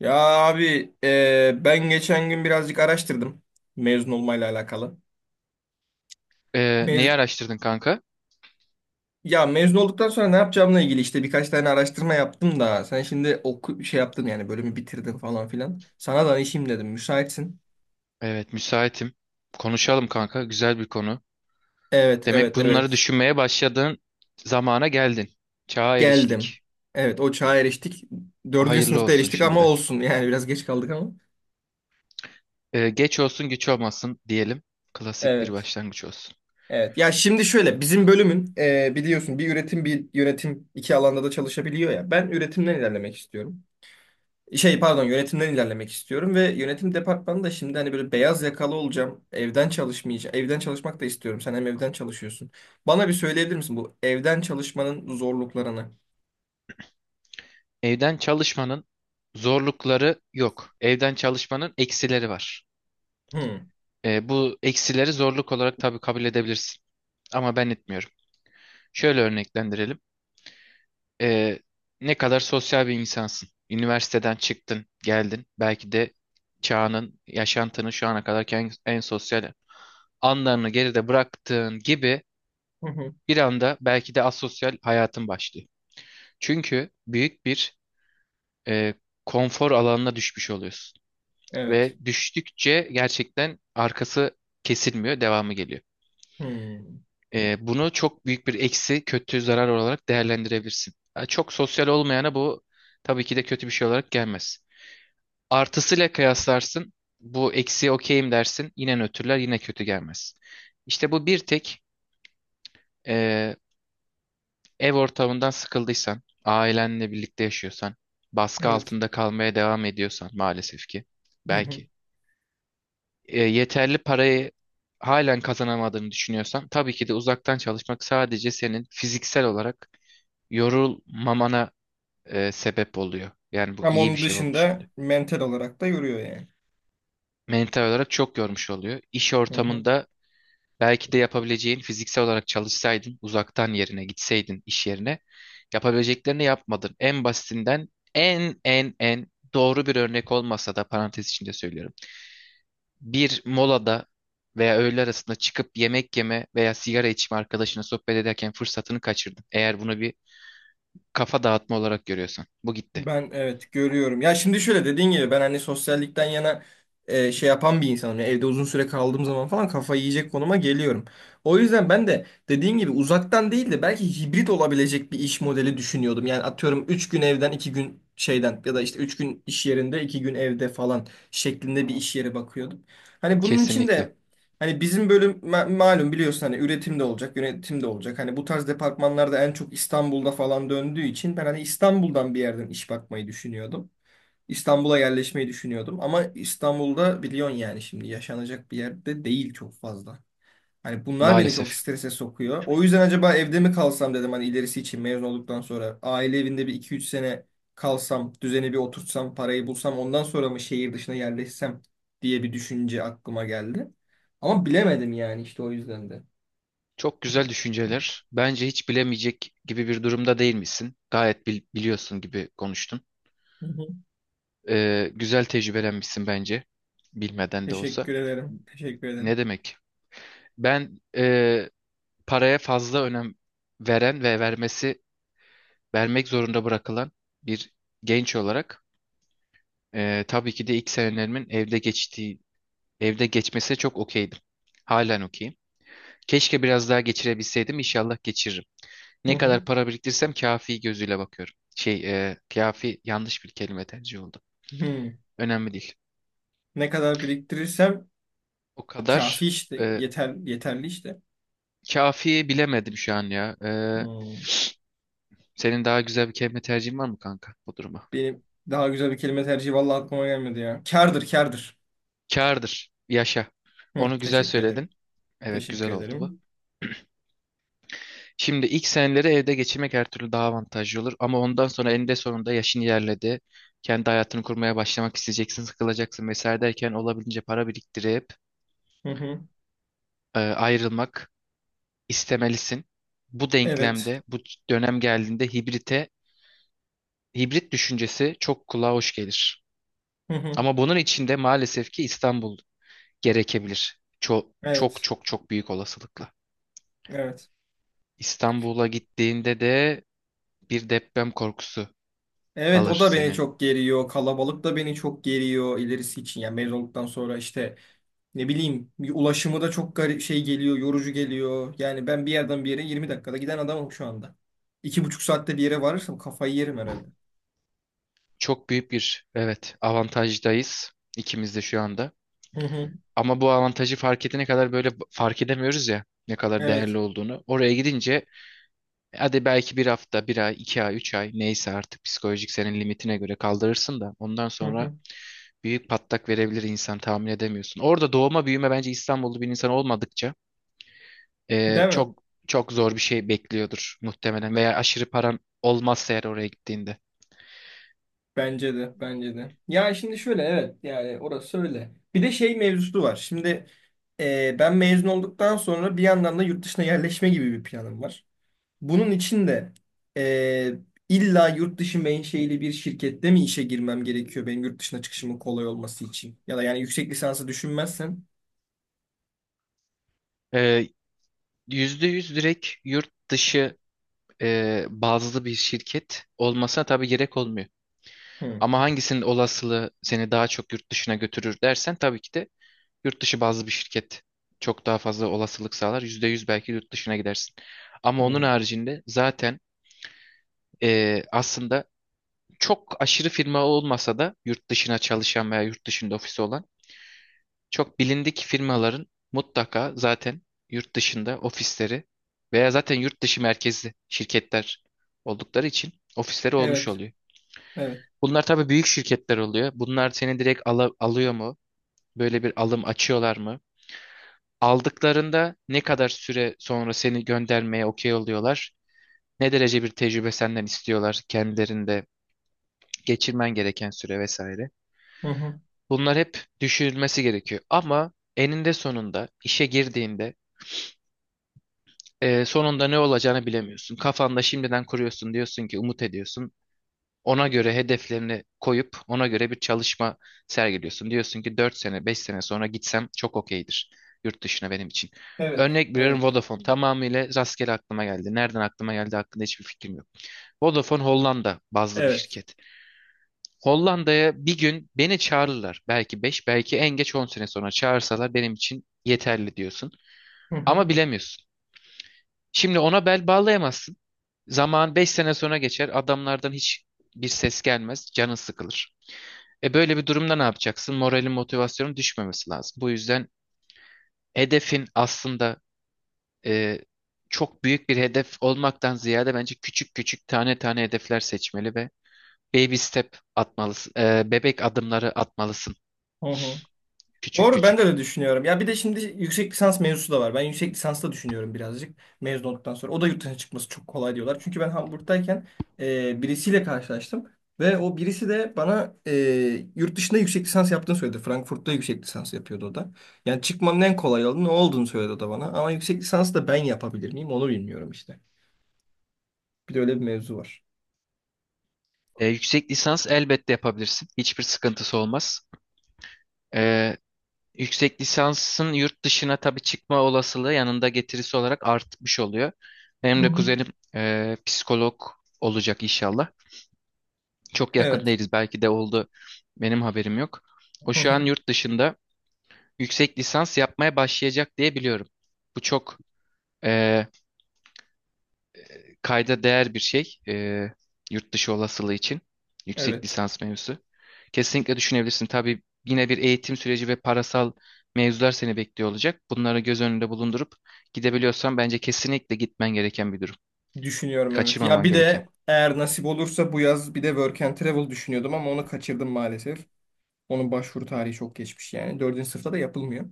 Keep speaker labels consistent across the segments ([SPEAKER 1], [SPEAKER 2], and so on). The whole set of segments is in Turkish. [SPEAKER 1] Ya abi ben geçen gün birazcık araştırdım mezun olmayla alakalı.
[SPEAKER 2] Neyi
[SPEAKER 1] Mez
[SPEAKER 2] araştırdın kanka?
[SPEAKER 1] ya mezun olduktan sonra ne yapacağımla ilgili işte birkaç tane araştırma yaptım da sen şimdi oku şey yaptın yani bölümü bitirdin falan filan. Sana danışayım dedim müsaitsin.
[SPEAKER 2] Evet, müsaitim. Konuşalım kanka. Güzel bir konu.
[SPEAKER 1] Evet,
[SPEAKER 2] Demek
[SPEAKER 1] evet,
[SPEAKER 2] bunları
[SPEAKER 1] evet,
[SPEAKER 2] düşünmeye başladığın zamana geldin. Çağa
[SPEAKER 1] geldim.
[SPEAKER 2] eriştik.
[SPEAKER 1] Evet, o çağa eriştik. Dördüncü
[SPEAKER 2] Hayırlı
[SPEAKER 1] sınıfta
[SPEAKER 2] olsun
[SPEAKER 1] eriştik ama
[SPEAKER 2] şimdiden.
[SPEAKER 1] olsun yani biraz geç kaldık ama.
[SPEAKER 2] Geç olsun güç olmasın diyelim. Klasik bir
[SPEAKER 1] Evet,
[SPEAKER 2] başlangıç olsun.
[SPEAKER 1] evet. Ya şimdi şöyle bizim bölümün biliyorsun bir üretim bir yönetim iki alanda da çalışabiliyor ya. Ben üretimden ilerlemek istiyorum. Şey, pardon, yönetimden ilerlemek istiyorum ve yönetim departmanı da şimdi hani böyle beyaz yakalı olacağım. Evden çalışmayacağım. Evden çalışmak da istiyorum. Sen hem evden çalışıyorsun. Bana bir söyleyebilir misin bu evden çalışmanın zorluklarını?
[SPEAKER 2] Evden çalışmanın zorlukları yok. Evden çalışmanın eksileri var.
[SPEAKER 1] Hmm.
[SPEAKER 2] Bu eksileri zorluk olarak tabii kabul edebilirsin. Ama ben etmiyorum. Şöyle örneklendirelim. Ee, Ne kadar sosyal bir insansın. Üniversiteden çıktın, geldin. Belki de çağının, yaşantının şu ana kadar en sosyal anlarını geride bıraktığın gibi
[SPEAKER 1] Hı hı.
[SPEAKER 2] bir anda belki de asosyal hayatın başlıyor. Çünkü büyük bir e, konfor alanına düşmüş oluyorsun.
[SPEAKER 1] Evet.
[SPEAKER 2] Ve düştükçe gerçekten arkası kesilmiyor, devamı geliyor.
[SPEAKER 1] Hmm.
[SPEAKER 2] Bunu çok büyük bir eksi, kötü zarar olarak değerlendirebilirsin. Ha, çok sosyal olmayana bu tabii ki de kötü bir şey olarak gelmez. Artısıyla kıyaslarsın. Bu eksiye okeyim dersin. Yine nötrler yine kötü gelmez. İşte bu bir tek e, ev ortamından sıkıldıysan, ailenle birlikte yaşıyorsan, baskı
[SPEAKER 1] Evet.
[SPEAKER 2] altında kalmaya devam ediyorsan maalesef ki
[SPEAKER 1] Hı hı.
[SPEAKER 2] belki yeterli parayı halen kazanamadığını düşünüyorsan tabii ki de uzaktan çalışmak sadece senin fiziksel olarak yorulmamana sebep oluyor. Yani bu
[SPEAKER 1] Ama
[SPEAKER 2] iyi bir
[SPEAKER 1] onun
[SPEAKER 2] şey olmuş
[SPEAKER 1] dışında
[SPEAKER 2] oluyor.
[SPEAKER 1] mental olarak da yoruyor yani.
[SPEAKER 2] Mental olarak çok yormuş oluyor. İş
[SPEAKER 1] Hı hı.
[SPEAKER 2] ortamında belki de yapabileceğin fiziksel olarak çalışsaydın, uzaktan yerine gitseydin iş yerine, yapabileceklerini yapmadın. En basitinden en doğru bir örnek olmasa da parantez içinde söylüyorum. Bir molada veya öğle arasında çıkıp yemek yeme veya sigara içme arkadaşına sohbet ederken fırsatını kaçırdın. Eğer bunu bir kafa dağıtma olarak görüyorsan, bu gitti.
[SPEAKER 1] Ben evet görüyorum. Ya şimdi şöyle dediğin gibi ben hani sosyallikten yana şey yapan bir insanım. Yani evde uzun süre kaldığım zaman falan kafayı yiyecek konuma geliyorum. O yüzden ben de dediğin gibi uzaktan değil de belki hibrit olabilecek bir iş modeli düşünüyordum. Yani atıyorum 3 gün evden 2 gün şeyden ya da işte 3 gün iş yerinde 2 gün evde falan şeklinde bir iş yeri bakıyordum. Hani bunun için
[SPEAKER 2] Kesinlikle.
[SPEAKER 1] de hani bizim bölüm malum biliyorsun hani üretim de olacak, yönetim de olacak. Hani bu tarz departmanlarda en çok İstanbul'da falan döndüğü için ben hani İstanbul'dan bir yerden iş bakmayı düşünüyordum. İstanbul'a yerleşmeyi düşünüyordum ama İstanbul'da biliyorsun yani şimdi yaşanacak bir yerde değil çok fazla. Hani bunlar beni çok
[SPEAKER 2] Maalesef.
[SPEAKER 1] strese sokuyor. O yüzden acaba evde mi kalsam dedim hani ilerisi için mezun olduktan sonra. Aile evinde bir iki üç sene kalsam, düzeni bir oturtsam, parayı bulsam ondan sonra mı şehir dışına yerleşsem diye bir düşünce aklıma geldi. Ama bilemedim yani işte o yüzden de.
[SPEAKER 2] Çok güzel düşünceler. Bence hiç bilemeyecek gibi bir durumda değil misin? Gayet biliyorsun gibi konuştun.
[SPEAKER 1] Hı hı.
[SPEAKER 2] Güzel tecrübelenmişsin bence. Bilmeden de olsa.
[SPEAKER 1] Teşekkür ederim. Teşekkür
[SPEAKER 2] Ne
[SPEAKER 1] ederim.
[SPEAKER 2] demek? Ben paraya fazla önem veren ve vermek zorunda bırakılan bir genç olarak tabii ki de ilk senelerimin evde geçtiği evde geçmesi çok okeydim. Halen okeyim. Keşke biraz daha geçirebilseydim. İnşallah geçiririm.
[SPEAKER 1] Hı
[SPEAKER 2] Ne
[SPEAKER 1] hı.
[SPEAKER 2] kadar para biriktirsem kafi gözüyle bakıyorum. Şey, kafi yanlış bir kelime tercih oldu.
[SPEAKER 1] Hı.
[SPEAKER 2] Önemli değil.
[SPEAKER 1] Ne kadar biriktirirsem
[SPEAKER 2] O
[SPEAKER 1] kafi
[SPEAKER 2] kadar.
[SPEAKER 1] işte.
[SPEAKER 2] e,
[SPEAKER 1] Yeter, yeterli işte.
[SPEAKER 2] Kafiye bilemedim şu an ya.
[SPEAKER 1] Hı.
[SPEAKER 2] Senin daha güzel bir kelime tercihin var mı kanka bu duruma?
[SPEAKER 1] Benim daha güzel bir kelime tercihi vallahi aklıma gelmedi ya. Kârdır, kârdır.
[SPEAKER 2] Kârdır. Yaşa.
[SPEAKER 1] Hı,
[SPEAKER 2] Onu güzel
[SPEAKER 1] teşekkür ederim.
[SPEAKER 2] söyledin. Evet, güzel
[SPEAKER 1] Teşekkür
[SPEAKER 2] oldu bu.
[SPEAKER 1] ederim.
[SPEAKER 2] Şimdi ilk seneleri evde geçirmek her türlü daha avantajlı olur. Ama ondan sonra eninde sonunda yaşın ilerledi. Kendi hayatını kurmaya başlamak isteyeceksin, sıkılacaksın vesaire derken olabildiğince para biriktirip
[SPEAKER 1] Hı hı.
[SPEAKER 2] ayrılmak istemelisin. Bu
[SPEAKER 1] Evet.
[SPEAKER 2] denklemde, bu dönem geldiğinde hibrit düşüncesi çok kulağa hoş gelir.
[SPEAKER 1] Hı hı.
[SPEAKER 2] Ama bunun içinde maalesef ki İstanbul gerekebilir. Çok çok
[SPEAKER 1] Evet.
[SPEAKER 2] çok çok büyük olasılıkla.
[SPEAKER 1] Evet.
[SPEAKER 2] İstanbul'a gittiğinde de bir deprem korkusu
[SPEAKER 1] Evet,
[SPEAKER 2] alır
[SPEAKER 1] o da beni
[SPEAKER 2] senin.
[SPEAKER 1] çok geriyor. Kalabalık da beni çok geriyor ilerisi için. Yani mezunluktan sonra işte ne bileyim bir ulaşımı da çok garip şey geliyor, yorucu geliyor. Yani ben bir yerden bir yere 20 dakikada giden adamım şu anda. İki buçuk saatte bir yere varırsam kafayı yerim herhalde.
[SPEAKER 2] Çok büyük bir evet avantajdayız ikimiz de şu anda.
[SPEAKER 1] Hı hı.
[SPEAKER 2] Ama bu avantajı fark edene kadar böyle fark edemiyoruz ya ne kadar
[SPEAKER 1] Evet.
[SPEAKER 2] değerli olduğunu. Oraya gidince hadi belki bir hafta, bir ay, 2 ay, 3 ay neyse artık psikolojik senin limitine göre kaldırırsın da ondan
[SPEAKER 1] Hı
[SPEAKER 2] sonra
[SPEAKER 1] hı.
[SPEAKER 2] büyük patlak verebilir, insan tahmin edemiyorsun. Orada doğma büyüme bence İstanbullu bir insan olmadıkça
[SPEAKER 1] Değil mi?
[SPEAKER 2] çok çok zor bir şey bekliyordur muhtemelen veya aşırı paran olmazsa eğer oraya gittiğinde.
[SPEAKER 1] Bence de, bence de. Ya şimdi şöyle evet yani orası öyle. Bir de şey mevzusu var. Şimdi ben mezun olduktan sonra bir yandan da yurt dışına yerleşme gibi bir planım var. Bunun için de e, illa yurt dışı menşeili bir şirkette mi işe girmem gerekiyor benim yurt dışına çıkışımın kolay olması için? Ya da yani yüksek lisansı düşünmezsen.
[SPEAKER 2] Ee, %100 direkt yurt dışı bazlı bir şirket olmasına tabii gerek olmuyor.
[SPEAKER 1] Hı,
[SPEAKER 2] Ama hangisinin olasılığı seni daha çok yurt dışına götürür dersen tabii ki de yurt dışı bazlı bir şirket çok daha fazla olasılık sağlar. %100 belki yurt dışına gidersin. Ama onun
[SPEAKER 1] hı.
[SPEAKER 2] haricinde zaten aslında çok aşırı firma olmasa da yurt dışına çalışan veya yurt dışında ofisi olan çok bilindik firmaların mutlaka zaten yurt dışında ofisleri veya zaten yurt dışı merkezli şirketler oldukları için ofisleri olmuş
[SPEAKER 1] Evet,
[SPEAKER 2] oluyor.
[SPEAKER 1] evet.
[SPEAKER 2] Bunlar tabii büyük şirketler oluyor. Bunlar seni direkt alıyor mu? Böyle bir alım açıyorlar mı? Aldıklarında ne kadar süre sonra seni göndermeye okey oluyorlar? Ne derece bir tecrübe senden istiyorlar, kendilerinde geçirmen gereken süre vesaire.
[SPEAKER 1] Hı hı.
[SPEAKER 2] Bunlar hep düşünülmesi gerekiyor. Ama eninde sonunda işe girdiğinde sonunda ne olacağını bilemiyorsun. Kafanda şimdiden kuruyorsun, diyorsun ki umut ediyorsun. Ona göre hedeflerini koyup ona göre bir çalışma sergiliyorsun. Diyorsun ki 4 sene 5 sene sonra gitsem çok okeydir yurt dışına benim için.
[SPEAKER 1] Evet,
[SPEAKER 2] Örnek veriyorum,
[SPEAKER 1] evet.
[SPEAKER 2] Vodafone tamamıyla rastgele aklıma geldi. Nereden aklıma geldi hakkında hiçbir fikrim yok. Vodafone Hollanda bazlı bir
[SPEAKER 1] Evet.
[SPEAKER 2] şirket. Hollanda'ya bir gün beni çağırırlar. Belki 5, belki en geç 10 sene sonra çağırsalar benim için yeterli diyorsun.
[SPEAKER 1] Hı hı.
[SPEAKER 2] Ama bilemiyorsun. Şimdi ona bel bağlayamazsın. Zaman 5 sene sonra geçer. Adamlardan hiç bir ses gelmez. Canın sıkılır. Böyle bir durumda ne yapacaksın? Moralin, motivasyonun düşmemesi lazım. Bu yüzden hedefin aslında e, çok büyük bir hedef olmaktan ziyade bence küçük küçük tane tane hedefler seçmeli ve baby step atmalısın. Bebek adımları atmalısın.
[SPEAKER 1] Hı hı.
[SPEAKER 2] Küçük
[SPEAKER 1] Doğru, ben de
[SPEAKER 2] küçük.
[SPEAKER 1] öyle düşünüyorum. Ya bir de şimdi yüksek lisans mevzusu da var. Ben yüksek lisans da düşünüyorum birazcık mezun olduktan sonra. O da yurt dışına çıkması çok kolay diyorlar. Çünkü ben Hamburg'dayken birisiyle karşılaştım. Ve o birisi de bana yurt dışında yüksek lisans yaptığını söyledi. Frankfurt'ta yüksek lisans yapıyordu o da. Yani çıkmanın en kolay yolu ne olduğunu söyledi o da bana. Ama yüksek lisans da ben yapabilir miyim onu bilmiyorum işte. Bir de öyle bir mevzu var.
[SPEAKER 2] Yüksek lisans elbette yapabilirsin. Hiçbir sıkıntısı olmaz. E, Yüksek lisansın yurt dışına tabii çıkma olasılığı yanında getirisi olarak artmış oluyor. Benim
[SPEAKER 1] Hı
[SPEAKER 2] de
[SPEAKER 1] hı.
[SPEAKER 2] kuzenim psikolog olacak inşallah. Çok yakın
[SPEAKER 1] Evet.
[SPEAKER 2] değiliz, belki de oldu. Benim haberim yok. O
[SPEAKER 1] Hı
[SPEAKER 2] şu an
[SPEAKER 1] hı.
[SPEAKER 2] yurt dışında yüksek lisans yapmaya başlayacak diye biliyorum. Bu çok e, kayda değer bir şey. Yurt dışı olasılığı için yüksek
[SPEAKER 1] Evet.
[SPEAKER 2] lisans mevzusu. Kesinlikle düşünebilirsin. Tabii yine bir eğitim süreci ve parasal mevzular seni bekliyor olacak. Bunları göz önünde bulundurup gidebiliyorsan bence kesinlikle gitmen gereken bir durum.
[SPEAKER 1] Düşünüyorum, evet. Ya
[SPEAKER 2] Kaçırmaman
[SPEAKER 1] bir
[SPEAKER 2] gereken.
[SPEAKER 1] de eğer nasip olursa bu yaz bir de Work and Travel düşünüyordum ama onu kaçırdım maalesef. Onun başvuru tarihi çok geçmiş yani. Dördüncü sınıfta da yapılmıyor.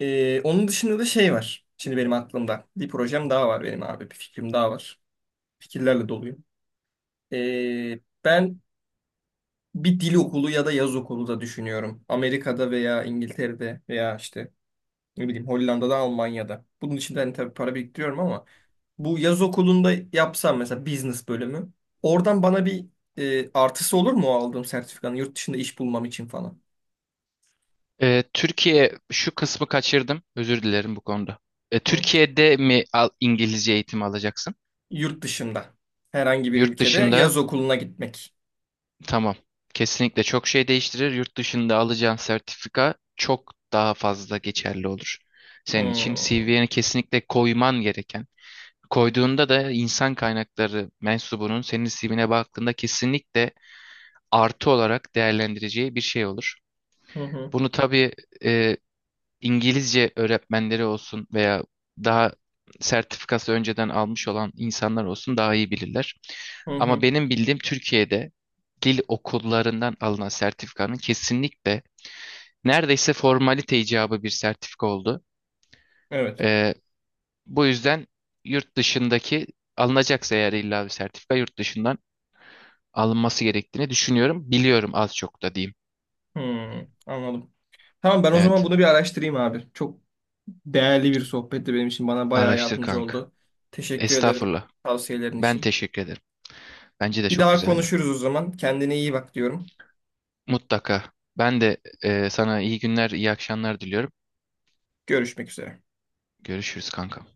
[SPEAKER 1] Onun dışında da şey var. Şimdi benim aklımda. Bir projem daha var benim abi. Bir fikrim daha var. Fikirlerle doluyum. Ben bir dil okulu ya da yaz okulu da düşünüyorum. Amerika'da veya İngiltere'de veya işte ne bileyim Hollanda'da, Almanya'da. Bunun için de hani tabii para biriktiriyorum ama bu yaz okulunda yapsam mesela business bölümü. Oradan bana bir artısı olur mu o aldığım sertifikanın yurt dışında iş bulmam için falan?
[SPEAKER 2] Türkiye şu kısmı kaçırdım. Özür dilerim bu konuda.
[SPEAKER 1] Hı.
[SPEAKER 2] Türkiye'de mi al, İngilizce eğitimi alacaksın?
[SPEAKER 1] Yurt dışında herhangi bir
[SPEAKER 2] Yurt
[SPEAKER 1] ülkede
[SPEAKER 2] dışında.
[SPEAKER 1] yaz okuluna gitmek.
[SPEAKER 2] Tamam. Kesinlikle çok şey değiştirir. Yurt dışında alacağın sertifika çok daha fazla geçerli olur. Senin için
[SPEAKER 1] Hı.
[SPEAKER 2] CV'ni kesinlikle koyman gereken. Koyduğunda da insan kaynakları mensubunun senin CV'ne baktığında kesinlikle artı olarak değerlendireceği bir şey olur.
[SPEAKER 1] Hı hı.
[SPEAKER 2] Bunu tabii e, İngilizce öğretmenleri olsun veya daha sertifikası önceden almış olan insanlar olsun daha iyi bilirler.
[SPEAKER 1] Hı
[SPEAKER 2] Ama
[SPEAKER 1] hı.
[SPEAKER 2] benim bildiğim Türkiye'de dil okullarından alınan sertifikanın kesinlikle neredeyse formalite icabı bir sertifika oldu.
[SPEAKER 1] Evet.
[SPEAKER 2] Ee, Bu yüzden yurt dışındaki alınacaksa eğer illa bir sertifika yurt dışından alınması gerektiğini düşünüyorum. Biliyorum, az çok da diyeyim.
[SPEAKER 1] Hı. Anladım. Tamam, ben o zaman
[SPEAKER 2] Evet.
[SPEAKER 1] bunu bir araştırayım abi. Çok değerli bir sohbetti benim için. Bana bayağı
[SPEAKER 2] Araştır
[SPEAKER 1] yardımcı
[SPEAKER 2] kanka.
[SPEAKER 1] oldu. Teşekkür ederim
[SPEAKER 2] Estağfurullah.
[SPEAKER 1] tavsiyelerin
[SPEAKER 2] Ben
[SPEAKER 1] için.
[SPEAKER 2] teşekkür ederim. Bence de
[SPEAKER 1] Bir
[SPEAKER 2] çok
[SPEAKER 1] daha
[SPEAKER 2] güzeldi.
[SPEAKER 1] konuşuruz o zaman. Kendine iyi bak diyorum.
[SPEAKER 2] Mutlaka. Ben de sana iyi günler, iyi akşamlar diliyorum.
[SPEAKER 1] Görüşmek üzere.
[SPEAKER 2] Görüşürüz kanka.